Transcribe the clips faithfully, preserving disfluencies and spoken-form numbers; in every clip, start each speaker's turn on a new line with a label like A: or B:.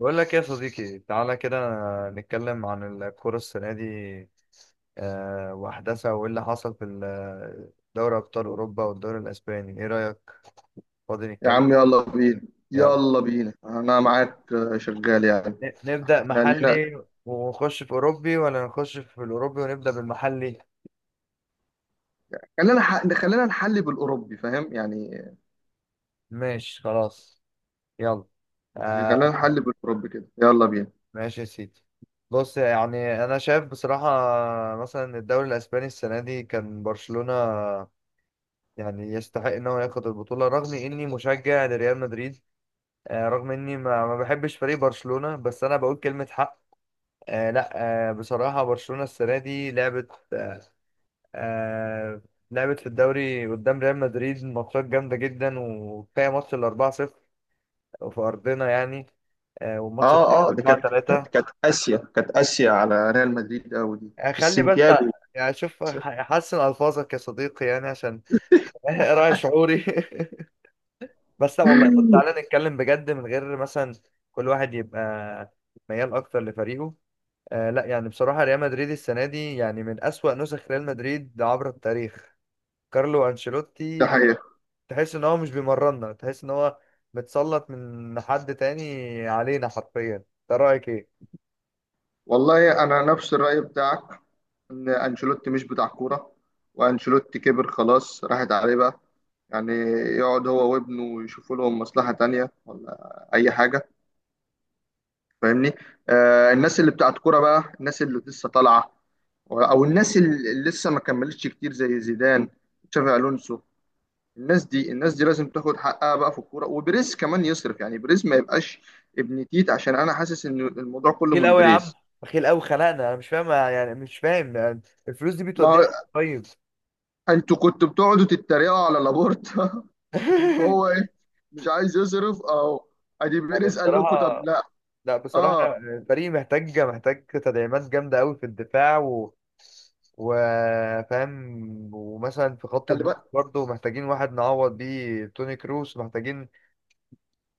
A: بقول لك إيه يا صديقي؟ تعالى كده نتكلم عن الكرة السنة دي، آه، وأحداثها وإيه اللي حصل في ال- آه، دوري أبطال أوروبا والدوري الأسباني، إيه رأيك؟ فاضي
B: يا
A: نتكلم؟
B: عم، يلا بينا.
A: يلا
B: يلا بينا، انا معاك آه، شغال يعني.
A: ن- نبدأ
B: احنا لينا.
A: محلي ونخش في أوروبي، ولا نخش في الأوروبي ونبدأ بالمحلي؟
B: خلينا ح... خلينا نحل بالاوروبي، فاهم يعني
A: ماشي، خلاص، يلا.
B: يعني خلينا
A: آه
B: نحل بالاوروبي كده، يلا بينا.
A: ماشي يا سيدي. بص، يعني أنا شايف بصراحة مثلا الدوري الأسباني السنة دي كان برشلونة يعني يستحق ان هو ياخد البطولة، رغم اني مشجع لريال مدريد. آه، رغم اني ما ما بحبش فريق برشلونة، بس انا بقول كلمة حق. آه، لا. آه، بصراحة برشلونة السنة دي لعبت آه، آه، لعبت في الدوري قدام ريال مدريد ماتشات جامدة جدا، وكفاية ماتش ال أربعة صفر في ارضنا يعني. آه، والماتش
B: اه اه ده كانت كانت
A: أربعة ثلاثة،
B: كانت اسيا كانت اسيا على ريال مدريد قوي دي في
A: خلي بس.
B: السنتياجو.
A: يعني شوف حسن الفاظك يا صديقي، يعني عشان راعي شعوري بس لا والله، طب تعالى نتكلم بجد من غير مثلا كل واحد يبقى ميال اكتر لفريقه. آه لا، يعني بصراحة ريال مدريد السنة دي يعني من أسوأ نسخ ريال مدريد عبر التاريخ. كارلو
B: ده
A: أنشيلوتي،
B: حقيقة.
A: تحس ان هو مش بيمرنا، تحس ان هو متسلط من حد تاني علينا حرفيا. انت رأيك ايه؟
B: والله انا نفس الرأي بتاعك، ان انشيلوتي مش بتاع كورة. وانشيلوتي كبر، خلاص راحت عليه بقى. يعني يقعد هو وابنه يشوفوا لهم مصلحة تانية ولا اي حاجة، فاهمني. آه، الناس اللي بتاعت كوره بقى، الناس اللي لسه طالعه، او الناس اللي لسه ما كملتش كتير، زي زيدان، تشافي الونسو. الناس دي الناس دي لازم تاخد حقها بقى في الكوره. وبريز كمان يصرف، يعني بريز ما يبقاش ابن تيت، عشان انا حاسس ان الموضوع كله
A: بخيل
B: من
A: قوي يا عم،
B: بريز.
A: بخيل قوي خلقنا. انا مش فاهم يعني، مش فاهم يعني الفلوس دي
B: ما
A: بتوديها
B: هو
A: فين طيب؟
B: انتوا كنتوا بتقعدوا تتريقوا على لابورتا. إن هو ايه، مش عايز يصرف اهو، ادي
A: يعني
B: بريز قال لكم،
A: بصراحة،
B: طب لا.
A: لا
B: اه،
A: بصراحة الفريق محتاج محتاج تدعيمات جامدة أوي في الدفاع و... وفاهم. ومثلا في خط
B: خلي
A: النص
B: بالك
A: برضه محتاجين واحد نعوض بيه توني كروس. محتاجين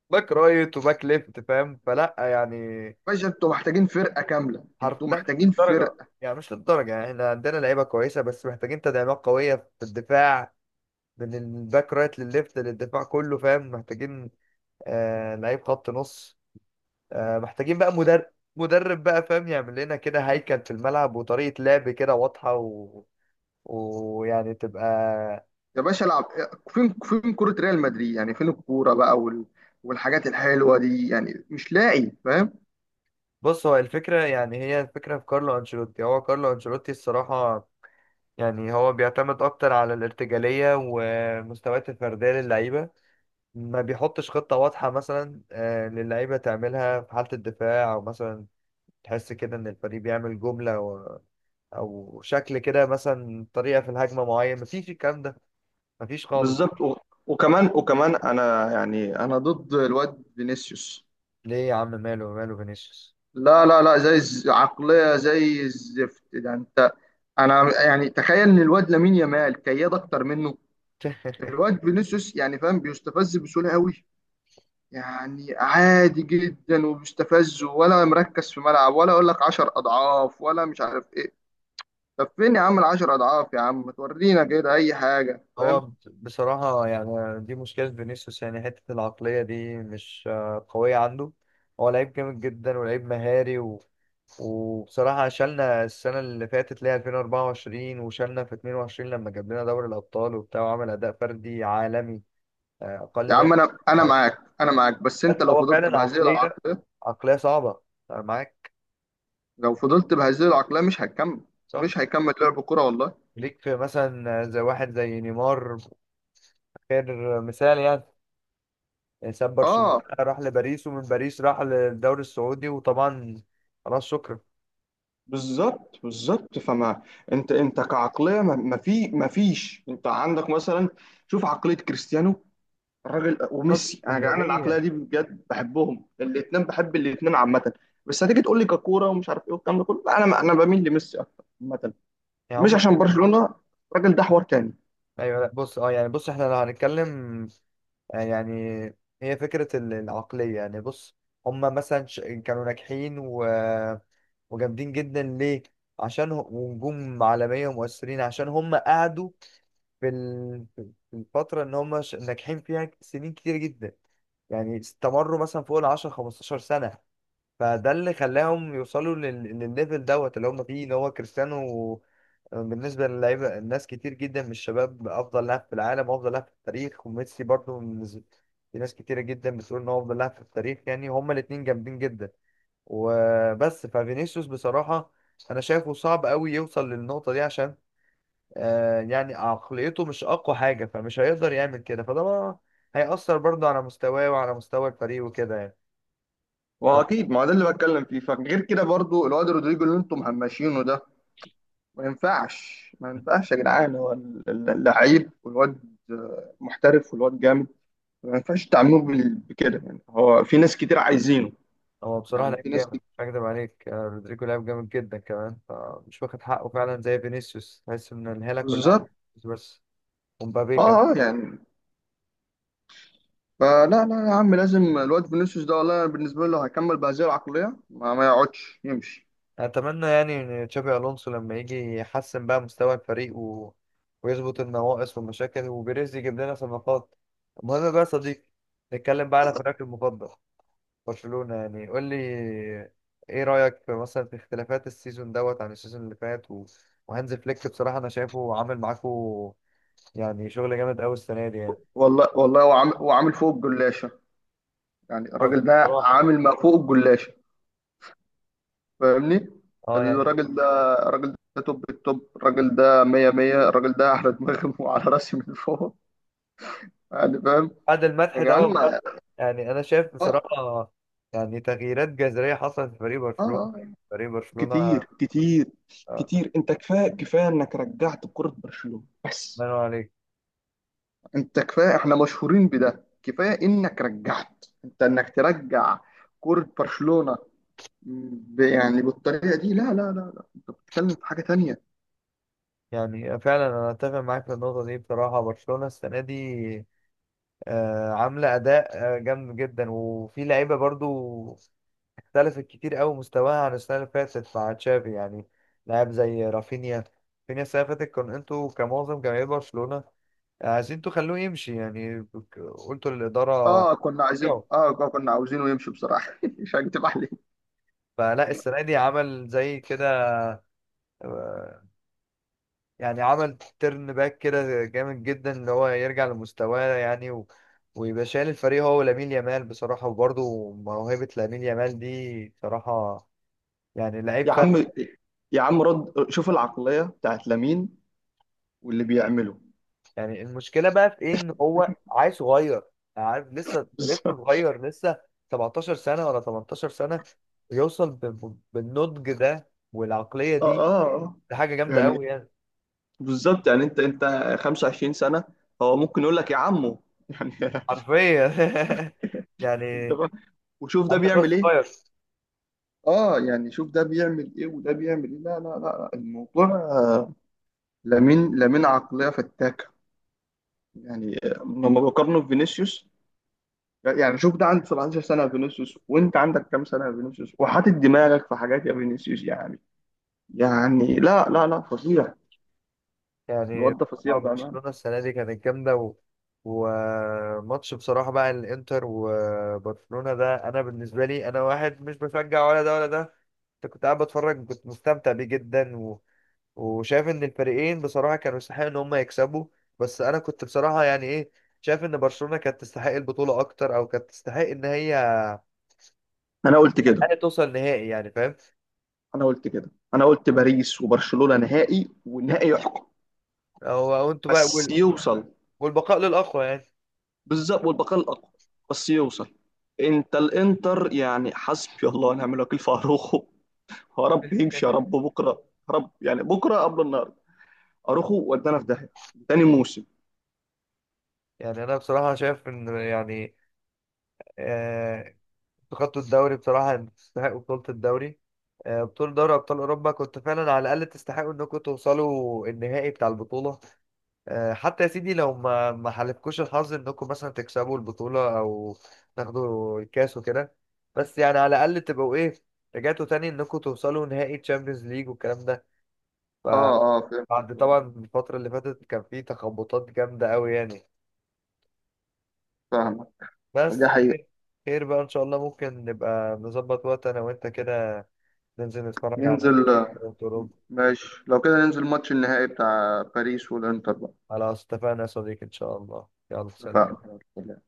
A: باك رايت وباك ليفت، فاهم؟ فلا يعني
B: باشا، انتوا محتاجين فرقه كامله، انتوا
A: حرف لا، مش
B: محتاجين
A: للدرجة
B: فرقه.
A: يعني، مش للدرجة. يعني احنا عندنا لعيبة كويسة بس محتاجين تدعيمات قوية في الدفاع، من الباك رايت للليفت للدفاع كله، فاهم؟ محتاجين آه لعيب خط نص. آه، محتاجين بقى مدرب، مدرب بقى، فاهم؟ يعمل لنا كده هيكل في الملعب وطريقة لعب كده واضحة و... ويعني تبقى.
B: يا باشا العب، فين فين كرة ريال مدريد، يعني فين الكورة بقى؟ وال... والحاجات الحلوة دي يعني مش لاقي، فاهم.
A: بص هو الفكرة، يعني هي الفكرة في كارلو أنشيلوتي، هو كارلو أنشيلوتي الصراحة يعني هو بيعتمد أكتر على الارتجالية والمستويات الفردية للعيبة. ما بيحطش خطة واضحة مثلا آه، للعيبة تعملها في حالة الدفاع، أو مثلا تحس كده إن الفريق بيعمل جملة و... أو شكل كده، مثلا طريقة في الهجمة معين، مفيش الكلام ده، مفيش خالص.
B: بالظبط. و... وكمان وكمان انا يعني انا ضد الواد فينيسيوس.
A: ليه يا عم؟ ماله ماله فينيسيوس؟
B: لا لا لا، زي الز- عقلية زي الزفت ده، انت. انا يعني تخيل ان الواد لامين يامال كياد اكتر منه. الواد فينيسيوس يعني فاهم، بيستفز بسهولة قوي. يعني عادي جدا، وبيستفز ولا مركز في ملعب، ولا اقول لك عشر اضعاف، ولا مش عارف ايه. طب فين يا عم العشر اضعاف؟ يا عم ما تورينا كده اي حاجه،
A: هو
B: فاهم.
A: ب- بصراحة يعني دي مشكلة فينيسيوس، يعني حتة العقلية دي مش آه، قوية عنده. هو لعيب جامد جدا، ولعيب مهاري و... وبصراحة شالنا السنة اللي فاتت اللي هي ألفين وأربعة وعشرين، وشالنا في اتنين وعشرين لما جاب لنا دوري الأبطال وبتاع، وعمل أداء فردي عالمي آه، أقل
B: يا
A: ما
B: عم،
A: يكون.
B: انا انا معاك، انا معاك بس
A: بس
B: انت لو
A: هو
B: فضلت
A: فعلا
B: بهذه
A: عقلية،
B: العقليه،
A: عقلية صعبة. أنا معاك،
B: لو فضلت بهذه العقليه مش هتكمل،
A: صح.
B: مش هيكمل لعب كرة، والله.
A: ليك في مثلا زي واحد زي نيمار، خير مثال يعني. ساب برشلونة
B: اه،
A: راح لباريس، ومن باريس راح للدوري السعودي، وطبعا خلاص شكرا.
B: بالظبط بالظبط فما. انت انت كعقليه، ما ما في ما فيش، انت عندك مثلا، شوف عقليه كريستيانو الراجل،
A: طب
B: وميسي. انا جعان العقليه
A: اسكندرية؟
B: دي بجد، بحبهم الاثنين بحب الاثنين عامه. بس هتيجي تقول لي ككوره ومش عارف ايه والكلام ده كله، لا، انا انا بميل لميسي اكتر عامه.
A: يعني
B: مش
A: هما
B: عشان برشلونة، الراجل ده حوار تاني.
A: ايوه، لا بص، اه يعني بص احنا لو هنتكلم، آه، يعني هي فكرة ال- العقلية. يعني بص، هما مثلا ش- كانوا ناجحين و... وجامدين جدا، ليه؟ عشان هم ونجوم عالمية ومؤثرين، عشان هما قعدوا في ال- في الفترة ان هما ش- ناجحين فيها سنين كتير جدا. يعني استمروا مثلا فوق ال عشرة خمستاشر سنة. فده اللي خلاهم يوصلوا لل- للليفل دوت اللي هم فيه، ان هو كريستيانو بالنسبه للعيبه، الناس كتير جدا من الشباب افضل لاعب في العالم وافضل لاعب في التاريخ، وميسي برضو من ز- في ناس كتيره جدا بتقول ان هو افضل لاعب في التاريخ. يعني هما الاتنين جامدين جدا وبس. ففينيسيوس بصراحه انا شايفه صعب قوي يوصل للنقطه دي، عشان آه يعني عقليته مش اقوى حاجه، فمش هيقدر يعمل كده. فده بقى هيأثر برضه على مستواه وعلى مستوى الفريق وكده يعني.
B: واكيد ما هو ده اللي بتكلم فيه. فغير كده برضو الواد رودريجو اللي انتم مهمشينه ده، ما ينفعش ما ينفعش يا جدعان. هو ال- ال- اللعيب، والواد محترف والواد جامد. ما ينفعش تعاملوه بال- بكده يعني، هو في ناس كتير عايزينه،
A: هو بصراحة
B: يعني في
A: لعيب
B: ناس
A: جامد، مش
B: كتير.
A: هكدب عليك. آه، رودريجو لعيب جامد جدا كمان، فمش واخد حقه فعلا زي فينيسيوس، تحس ان الهالة كلها على
B: بالظبط.
A: فينيسيوس بس، ومبابي كمان.
B: اه اه يعني، فلا لا يا عم، لازم الواد فينيسيوس ده، والله أنا بالنسبه له هيكمل بهذه العقليه، ما, ما يقعدش يمشي.
A: اتمنى يعني ان تشابي الونسو لما يجي يحسن بقى مستوى الفريق و... ويظبط النواقص والمشاكل، وبيريز يجيب لنا صفقات. المهم بقى يا صديقي، نتكلم بقى على فريقك المفضل برشلونة. يعني قول لي ايه رأيك في مثلا في اختلافات السيزون دوت عن السيزون اللي فات و... وهانز فليك؟ بصراحة انا شايفه عامل معاكو يعني شغل جامد قوي السنه دي يعني.
B: والله والله، وعامل وعامل فوق الجلاشه. يعني
A: اه
B: الراجل ده
A: بصراحه،
B: عامل ما فوق الجلاشه، فاهمني.
A: اه يعني
B: الراجل ده الراجل ده توب التوب، الراجل ده مية مية، الراجل ده على دماغي وعلى راسي من فوق، يعني فاهم.
A: بعد
B: يا
A: المدح ده
B: جدعان ما-
A: برضه، يعني انا شايف
B: اه
A: بصراحه يعني تغييرات جذريه حصلت في فريق
B: اه
A: برشلونه.
B: آه.
A: فريق برشلونه،
B: كتير كتير
A: آه،
B: كتير. انت كفايه كفايه انك رجعت كرة برشلونة.
A: ما
B: بس
A: ينور عليك.
B: انت كفايه، احنا مشهورين بده. كفايه انك رجعت، انت انك ترجع كرة برشلونة، ب- يعني بالطريقه دي، لا لا لا لا، انت بتتكلم في حاجه تانية.
A: يعني فعلا انا اتفق معاك في النقطه دي، بصراحه برشلونه السنه دي آه، عامله اداء آه، جامد جدا. وفي لعيبه برضو اختلفت كتير قوي مستواها عن السنه اللي فاتت مع تشافي، يعني لاعب زي رافينيا. رافينيا السنه اللي فاتت كان انتوا كمعظم جماهير برشلونه عايزين انتوا خلوه يمشي يعني، قلتوا للإدارة.
B: اه، كنا عايزين
A: يو.
B: اه كنا عاوزينه يمشي بصراحه. مش هكتب عليك.
A: فلا السنة دي عمل زي كده، آه، يعني عمل ترن باك كده جامد جدا اللي هو يرجع لمستواه يعني و... ويبقى شايل الفريق هو ولامين يامال بصراحة. وبرضه موهبة لامين يامال دي بصراحة يعني لعيب
B: يا عم
A: فلت.
B: يا عم رد، شوف العقلية بتاعت لامين واللي بيعمله،
A: يعني المشكلة بقى في ايه؟ ان هو عيل صغير يعني، عارف لسه، لسه
B: بالظبط.
A: صغير، لسه 17 سنة ولا 18 سنة. يوصل ب... ب- بالنضج ده والعقلية
B: اه
A: دي،
B: اه آه.
A: دي حاجه جامده
B: يعني
A: قوي يعني.
B: بالظبط، يعني انت انت خمسة وعشرين سنة. هو ممكن يقول لك يا عمو، يعني.
A: حرفيا
B: انت
A: يعني
B: بقى، وشوف ده
A: انت كوست
B: بيعمل ايه.
A: فاير.
B: اه يعني شوف ده بيعمل ايه وده بيعمل ايه. لا لا لا، الموضوع آه، لامين لامين عقلية فتاكة. يعني آه، لما بقارنه بفينيسيوس، يعني شوف ده عنده سبعتاشر سنة يا فينيسيوس، وانت عندك كام سنة يا فينيسيوس، وحاطط دماغك في حاجات يا فينيسيوس، يعني، يعني لا لا لا فظيع.
A: يعني
B: الواد ده فظيع
A: بصراحة
B: بأمانة.
A: برشلونه السنه دي كانت جامده و... وماتش بصراحه بقى الانتر وبرشلونه ده، انا بالنسبه لي انا واحد مش بشجع ولا ده ولا ده. كنت كنت قاعد بتفرج، كنت مستمتع بيه جدا و... وشايف ان الفريقين بصراحه كانوا يستحقوا ان هم يكسبوا. بس انا كنت بصراحه يعني ايه، شايف ان برشلونه كانت تستحق البطوله اكتر، او كانت تستحق ان هي على
B: أنا قلت كده
A: الأقل توصل نهائي، يعني فاهم؟
B: أنا قلت كده أنا قلت باريس وبرشلونة نهائي، والنهائي يحكم.
A: هو انتوا بقى،
B: بس يوصل.
A: والبقاء للأقوى يعني.
B: بالظبط، والبقاء الأقوى. بس يوصل. أنت الإنتر، يعني حسبي الله ونعم الوكيل في أروخو. يا رب يمشي، يا رب بكرة، يا رب يعني بكرة قبل النهاردة، أروخو ودانا في داهية تاني موسم.
A: يعني أنا بصراحة شايف إن يعني آه، أنتوا خدتوا الدوري بصراحة، يعني تستحقوا بطولة الدوري. آه، بطولة دوري أبطال أوروبا كنتوا فعلا على الأقل تستحقوا إنكم توصلوا النهائي بتاع البطولة. آه، حتى يا سيدي لو ما ما حالفكوش الحظ إنكم مثلا تكسبوا البطولة أو تاخدوا الكاس وكده. بس يعني على الأقل تبقوا إيه، رجعتوا تاني إنكم توصلوا نهائي تشامبيونز ليج والكلام ده،
B: اه اه فهمت
A: فبعد
B: فهمت،
A: طبعا الفترة اللي فاتت كان في تخبطات جامدة أوي يعني.
B: فاهمك. دي
A: بس
B: حقيقة.
A: خير، خير بقى ان شاء الله. ممكن نبقى نظبط وقت انا وانت كده، ننزل نتفرج
B: ننزل.
A: على نهائي كرة اوروبا.
B: ماشي، لو كده ننزل ماتش النهائي بتاع باريس والإنتر بقى،
A: على اتفقنا يا صديقي، ان شاء الله، يلا سلام.
B: فاهم.